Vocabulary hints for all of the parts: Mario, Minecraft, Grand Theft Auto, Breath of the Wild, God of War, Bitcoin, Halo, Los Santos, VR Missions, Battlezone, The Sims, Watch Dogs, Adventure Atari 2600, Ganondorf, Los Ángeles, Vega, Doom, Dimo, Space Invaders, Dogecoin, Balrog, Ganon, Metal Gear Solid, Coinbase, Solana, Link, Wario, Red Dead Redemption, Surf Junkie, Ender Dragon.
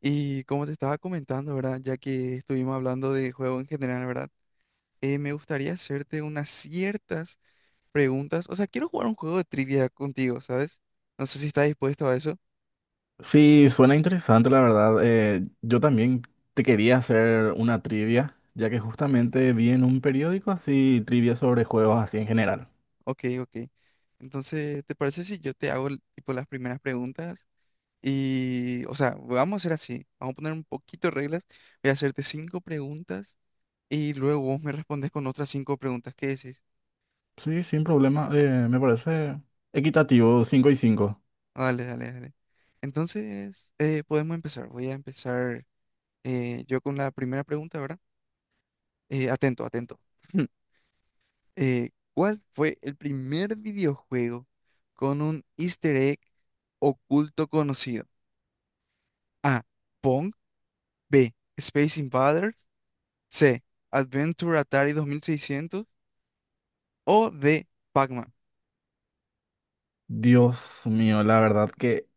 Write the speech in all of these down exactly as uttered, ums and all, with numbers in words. Y como te estaba comentando, ¿verdad? Ya que estuvimos hablando de juego en general, ¿verdad? Eh, me gustaría hacerte unas ciertas preguntas. O sea, quiero jugar un juego de trivia contigo, ¿sabes? No sé si estás dispuesto a eso. Sí, suena interesante, la verdad. Eh, yo también te quería hacer una trivia, ya que justamente vi en un periódico así trivia sobre juegos así en general. Ok, ok. Entonces, ¿te parece si yo te hago el- tipo las primeras preguntas? Y, o sea, vamos a hacer así. Vamos a poner un poquito de reglas. Voy a hacerte cinco preguntas y luego vos me respondes con otras cinco preguntas. ¿Qué decís? Sí, sin problema. eh, me parece equitativo, cinco y cinco. Ah, Dale, dale, dale. Entonces, eh, podemos empezar. Voy a empezar. Eh, yo con la primera pregunta, ¿verdad? Eh, atento, atento. Eh, ¿cuál fue el primer videojuego con un easter egg oculto conocido? A. Pong. B. Space Invaders. C. Adventure Atari dos mil seiscientos. O D. Pac-Man. Dios mío, la verdad que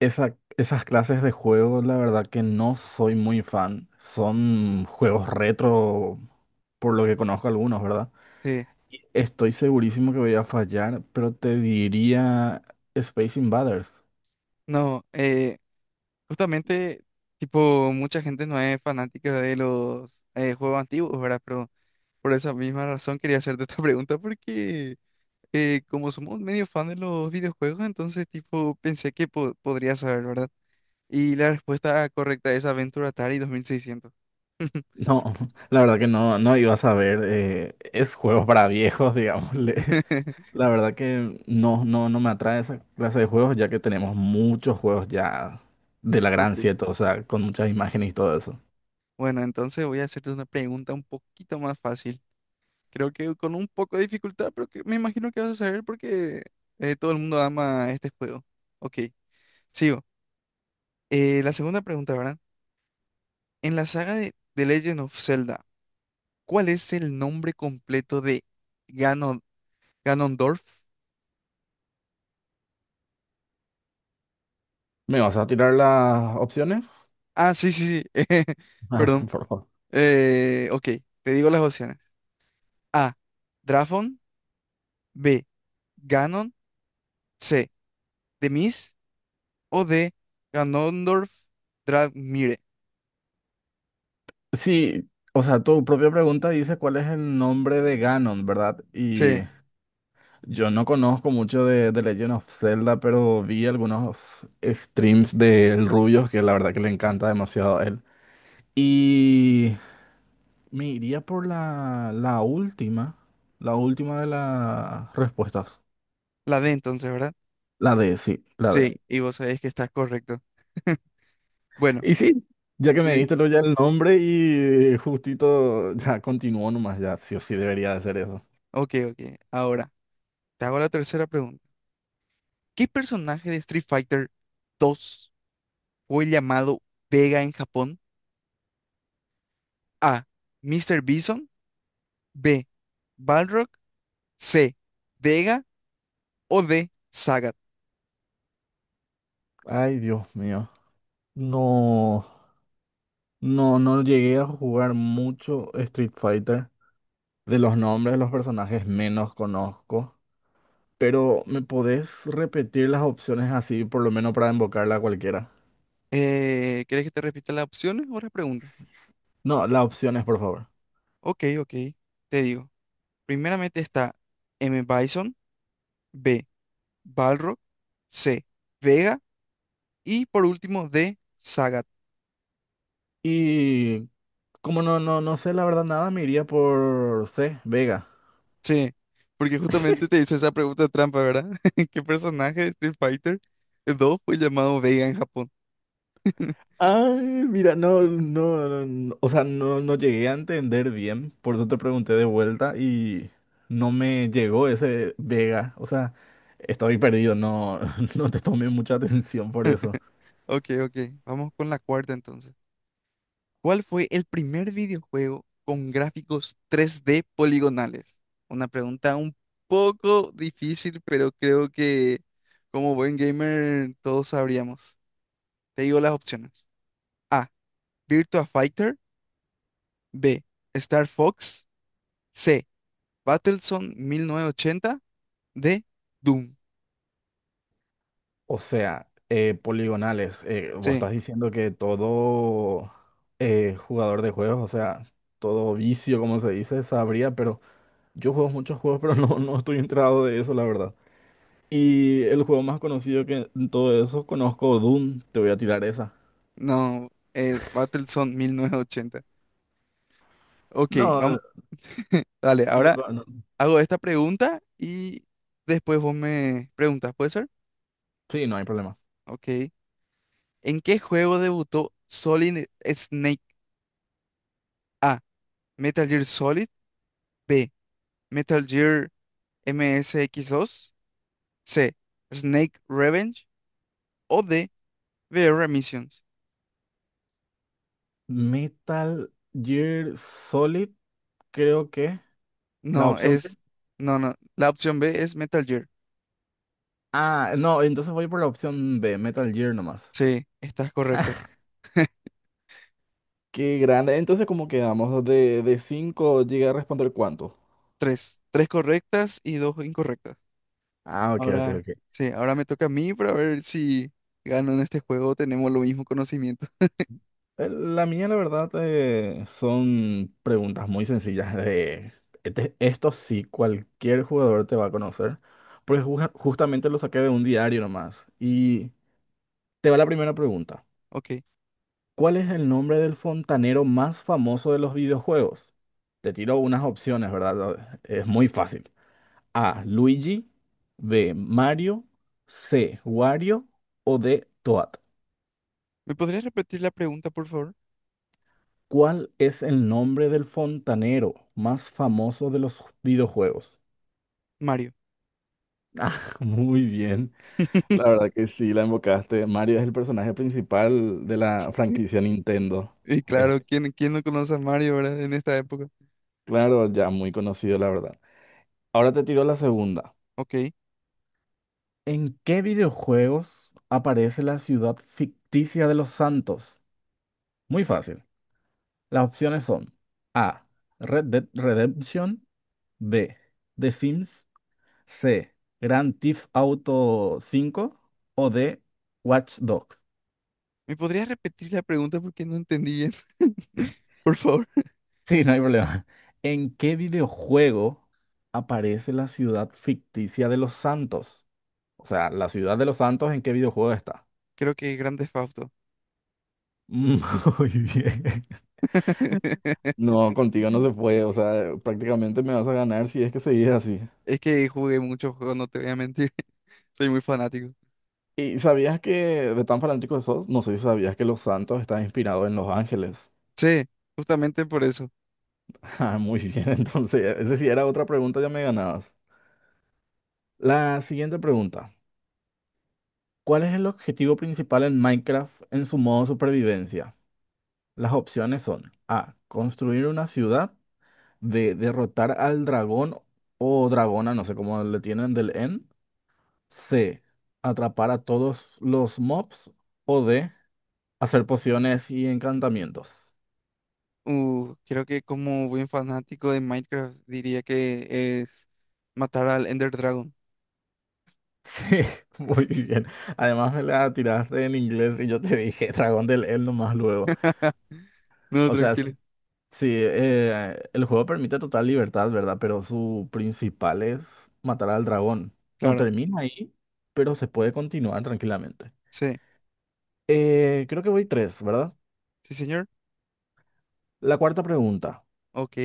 esa- esas clases de juegos, la verdad que no soy muy fan. Son juegos retro, por lo que conozco algunos, ¿verdad? Sí, Y estoy segurísimo que voy a fallar, pero te diría Space Invaders. no, eh, justamente, tipo, mucha gente no es fanática de los eh, juegos antiguos, ¿verdad? Pero por esa misma razón quería hacerte esta pregunta porque eh, como somos medio fan de los videojuegos, entonces tipo pensé que po- podría saber, ¿verdad? Y la respuesta correcta es Aventura Atari dos mil seiscientos. No, la verdad que no, no iba a saber. eh, es juegos para viejos, digámosle. La verdad que no, no, no me atrae esa clase de juegos, ya que tenemos muchos juegos ya de la Ok. gran siete, o sea, con muchas imágenes y todo eso. Bueno, entonces voy a hacerte una pregunta un poquito más fácil. Creo que con un poco de dificultad, pero que me imagino que vas a saber porque eh, todo el mundo ama este juego. Ok, sigo. Eh, la segunda pregunta, ¿verdad? En la saga de The Legend of Zelda, ¿cuál es el nombre completo de Ganon Ganondorf? ¿Me vas a tirar las opciones? Ah, sí, sí, sí. Ah, Perdón. por favor. Eh, ok, te digo las opciones. A. Drafon. B. Ganon. C. Demis. O D. Ganondorf Dramire. Sí, o sea, tu propia pregunta dice cuál es el nombre de Ganon, ¿verdad? Y Sí, yo no conozco mucho de, de Legend of Zelda, pero vi algunos streams del Rubios que la verdad que le encanta demasiado a él. Y me iría por la, la última, la última de las respuestas. la D entonces, ¿verdad? La D, sí, la D. Sí, y vos sabés que estás correcto. Bueno, Y sí, ya que me sí. diste lo ya el nombre y justito ya continuó nomás, ya sí o sí debería de ser eso. Ok, ok. Ahora, te hago la tercera pregunta. ¿Qué personaje de Street Fighter dos fue llamado Vega en Japón? A. mister Bison. B. Balrog. C. Vega. o D, Zagat. Ay, Dios mío. No, no, no llegué a jugar mucho Street Fighter. De los nombres de los personajes menos conozco. Pero ¿me podés repetir las opciones así, por lo menos para invocarla a cualquiera? Eh, ¿querés que te repita las opciones o las preguntas? No, las opciones, por favor. Ok, ok, te digo. Primeramente está M. Bison, B, Balrog, C, Vega y por último D, Sagat. Y como no, no, no sé la verdad nada, me iría por C, Vega. Sí, porque justamente te hice esa pregunta trampa, ¿verdad? ¿Qué personaje de Street Fighter dos fue llamado Vega en Japón? Ay, mira, no, no, no, no. O sea, no, no llegué a entender bien, por eso te pregunté de vuelta y no me llegó ese Vega. O sea, estoy perdido, no, no te tomé mucha atención por eso. Ok, ok, vamos con la cuarta entonces. ¿Cuál fue el primer videojuego con gráficos tres D poligonales? Una pregunta un poco difícil, pero creo que como buen gamer todos sabríamos. Te digo las opciones. A. Virtua Fighter. B. Star Fox. C. Battlezone mil novecientos ochenta. D. Doom. O sea, eh, poligonales, eh, vos Sí, estás diciendo que todo eh, jugador de juegos, o sea, todo vicio, como se dice, sabría, pero... Yo juego muchos juegos, pero no, no estoy enterado de eso, la verdad. Y el juego más conocido que en todo eso conozco, Doom, te voy a tirar esa. no, eh, Battlezone mil novecientos ochenta. Ok, No, vamos. Dale, no, ahora no, no, hago esta pregunta y después vos me preguntas, ¿puede ser? sí, no hay problema. Ok. ¿En qué juego debutó Solid Snake? A. Metal Gear Solid. B. Metal Gear M S X dos. C. Snake Revenge. O D. V R Missions. Metal Gear Solid, creo que la No, opción B. es. No, no. La opción B es Metal Gear. Ah, no, entonces voy por la opción B, Metal Gear nomás. Sí, estás correcto. Qué grande. Entonces, ¿cómo quedamos? De, de cinco llega a responder cuánto. Tres. Tres correctas y dos incorrectas. Ah, ok, ok, Ahora, ok. sí, ahora me toca a mí para ver si gano en este juego. Tenemos lo mismo conocimiento. Eh, La mía, la verdad, eh, son preguntas muy sencillas de... este- esto sí, cualquier jugador te va a conocer, porque ju- justamente lo saqué de un diario nomás. Y te va la primera pregunta. Ok. ¿Cuál es el nombre del fontanero más famoso de los videojuegos? Te tiro unas opciones, ¿verdad? Es muy fácil. A, Luigi, B, Mario, C, Wario o D, Toad. ¿Me podrías repetir la pregunta, por favor? ¿Cuál es el nombre del fontanero más famoso de los videojuegos? Mario. Ah, muy bien. La verdad que sí, la invocaste. Mario es el personaje principal de la franquicia Nintendo. Y Es claro, ¿quién, quién no conoce a Mario, verdad? En esta época. claro, ya muy conocido, la verdad. Ahora te tiro la segunda. Ok. ¿En qué videojuegos aparece la ciudad ficticia de Los Santos? Muy fácil. Las opciones son A. Red Dead Redemption. B. The Sims. C. Grand Theft Auto cinco. O D. Watch Dogs. ¿Me podrías repetir la pregunta porque no entendí bien? Por favor. Sí, no hay problema. ¿En qué videojuego aparece la ciudad ficticia de Los Santos? O sea, la ciudad de Los Santos, ¿en qué videojuego está? Creo que Grand Theft Auto. Muy bien. No, contigo no se puede. O sea, prácticamente me vas a ganar si es que seguís así. Es que jugué muchos juegos, no te voy a mentir. Soy muy fanático. ¿Y sabías que de tan fanático que sos? No sé si sabías que Los Santos está inspirado en Los Ángeles. Sí, justamente por eso. Ah, muy bien. Entonces, esa sí era otra pregunta, ya me ganabas. La siguiente pregunta. ¿Cuál es el objetivo principal en Minecraft en su modo supervivencia? Las opciones son A. Construir una ciudad. B. Derrotar al dragón o dragona, no sé cómo le tienen del N. C. Atrapar a todos los mobs. O D. Hacer pociones y encantamientos. Uh, creo que como buen fanático de Minecraft diría que es matar al Ender Dragon. Sí, muy bien. Además me la tiraste en inglés y yo te dije dragón del N nomás luego. No, O sea, tranquilo. sí, eh, el juego permite total libertad, ¿verdad? Pero su principal es matar al dragón. No Claro. termina ahí, pero se puede continuar tranquilamente. Sí. Eh, creo que voy tres, ¿verdad? Sí, señor. La cuarta pregunta. Ok.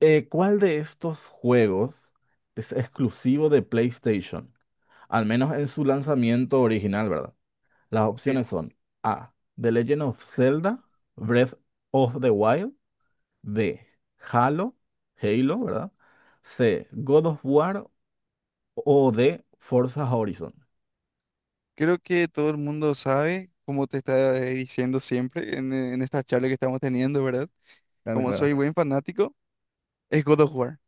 Eh, ¿cuál de estos juegos es exclusivo de PlayStation? Al menos en su lanzamiento original, ¿verdad? Las Ok. opciones son A. The Legend of Zelda, Breath of the Wild, B. Halo, Halo, ¿verdad? C. God of War o de Forza Horizon. Creo que todo el mundo sabe, como te estaba diciendo siempre en, en esta charla que estamos teniendo, ¿verdad? Claro, Como soy claro. buen fanático, es God of War.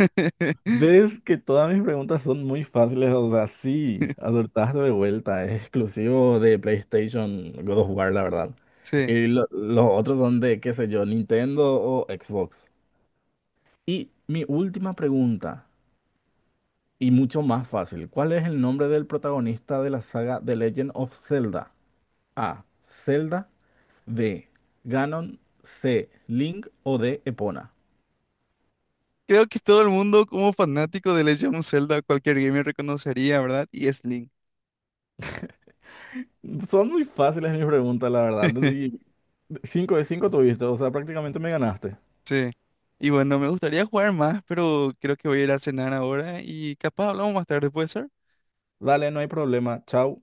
Ves que todas mis preguntas son muy fáciles, o sea, sí, acertaste de vuelta, es exclusivo de PlayStation God of War, la verdad. Sí. Y lo- los otros son de, qué sé yo, Nintendo o Xbox. Y mi última pregunta, y mucho más fácil, ¿cuál es el nombre del protagonista de la saga The Legend of Zelda? A. Zelda, B. Ganon, C. Link o D. Epona. Creo que todo el mundo como fanático de Legend of Zelda, cualquier gamer reconocería, ¿verdad? Y es Link. Son muy fáciles mis preguntas, la verdad. Y cinco de cinco tuviste, o sea, prácticamente me ganaste. Sí. Y bueno, me gustaría jugar más, pero creo que voy a ir a cenar ahora y capaz hablamos más tarde, ¿puede ser? Dale, no hay problema. Chau.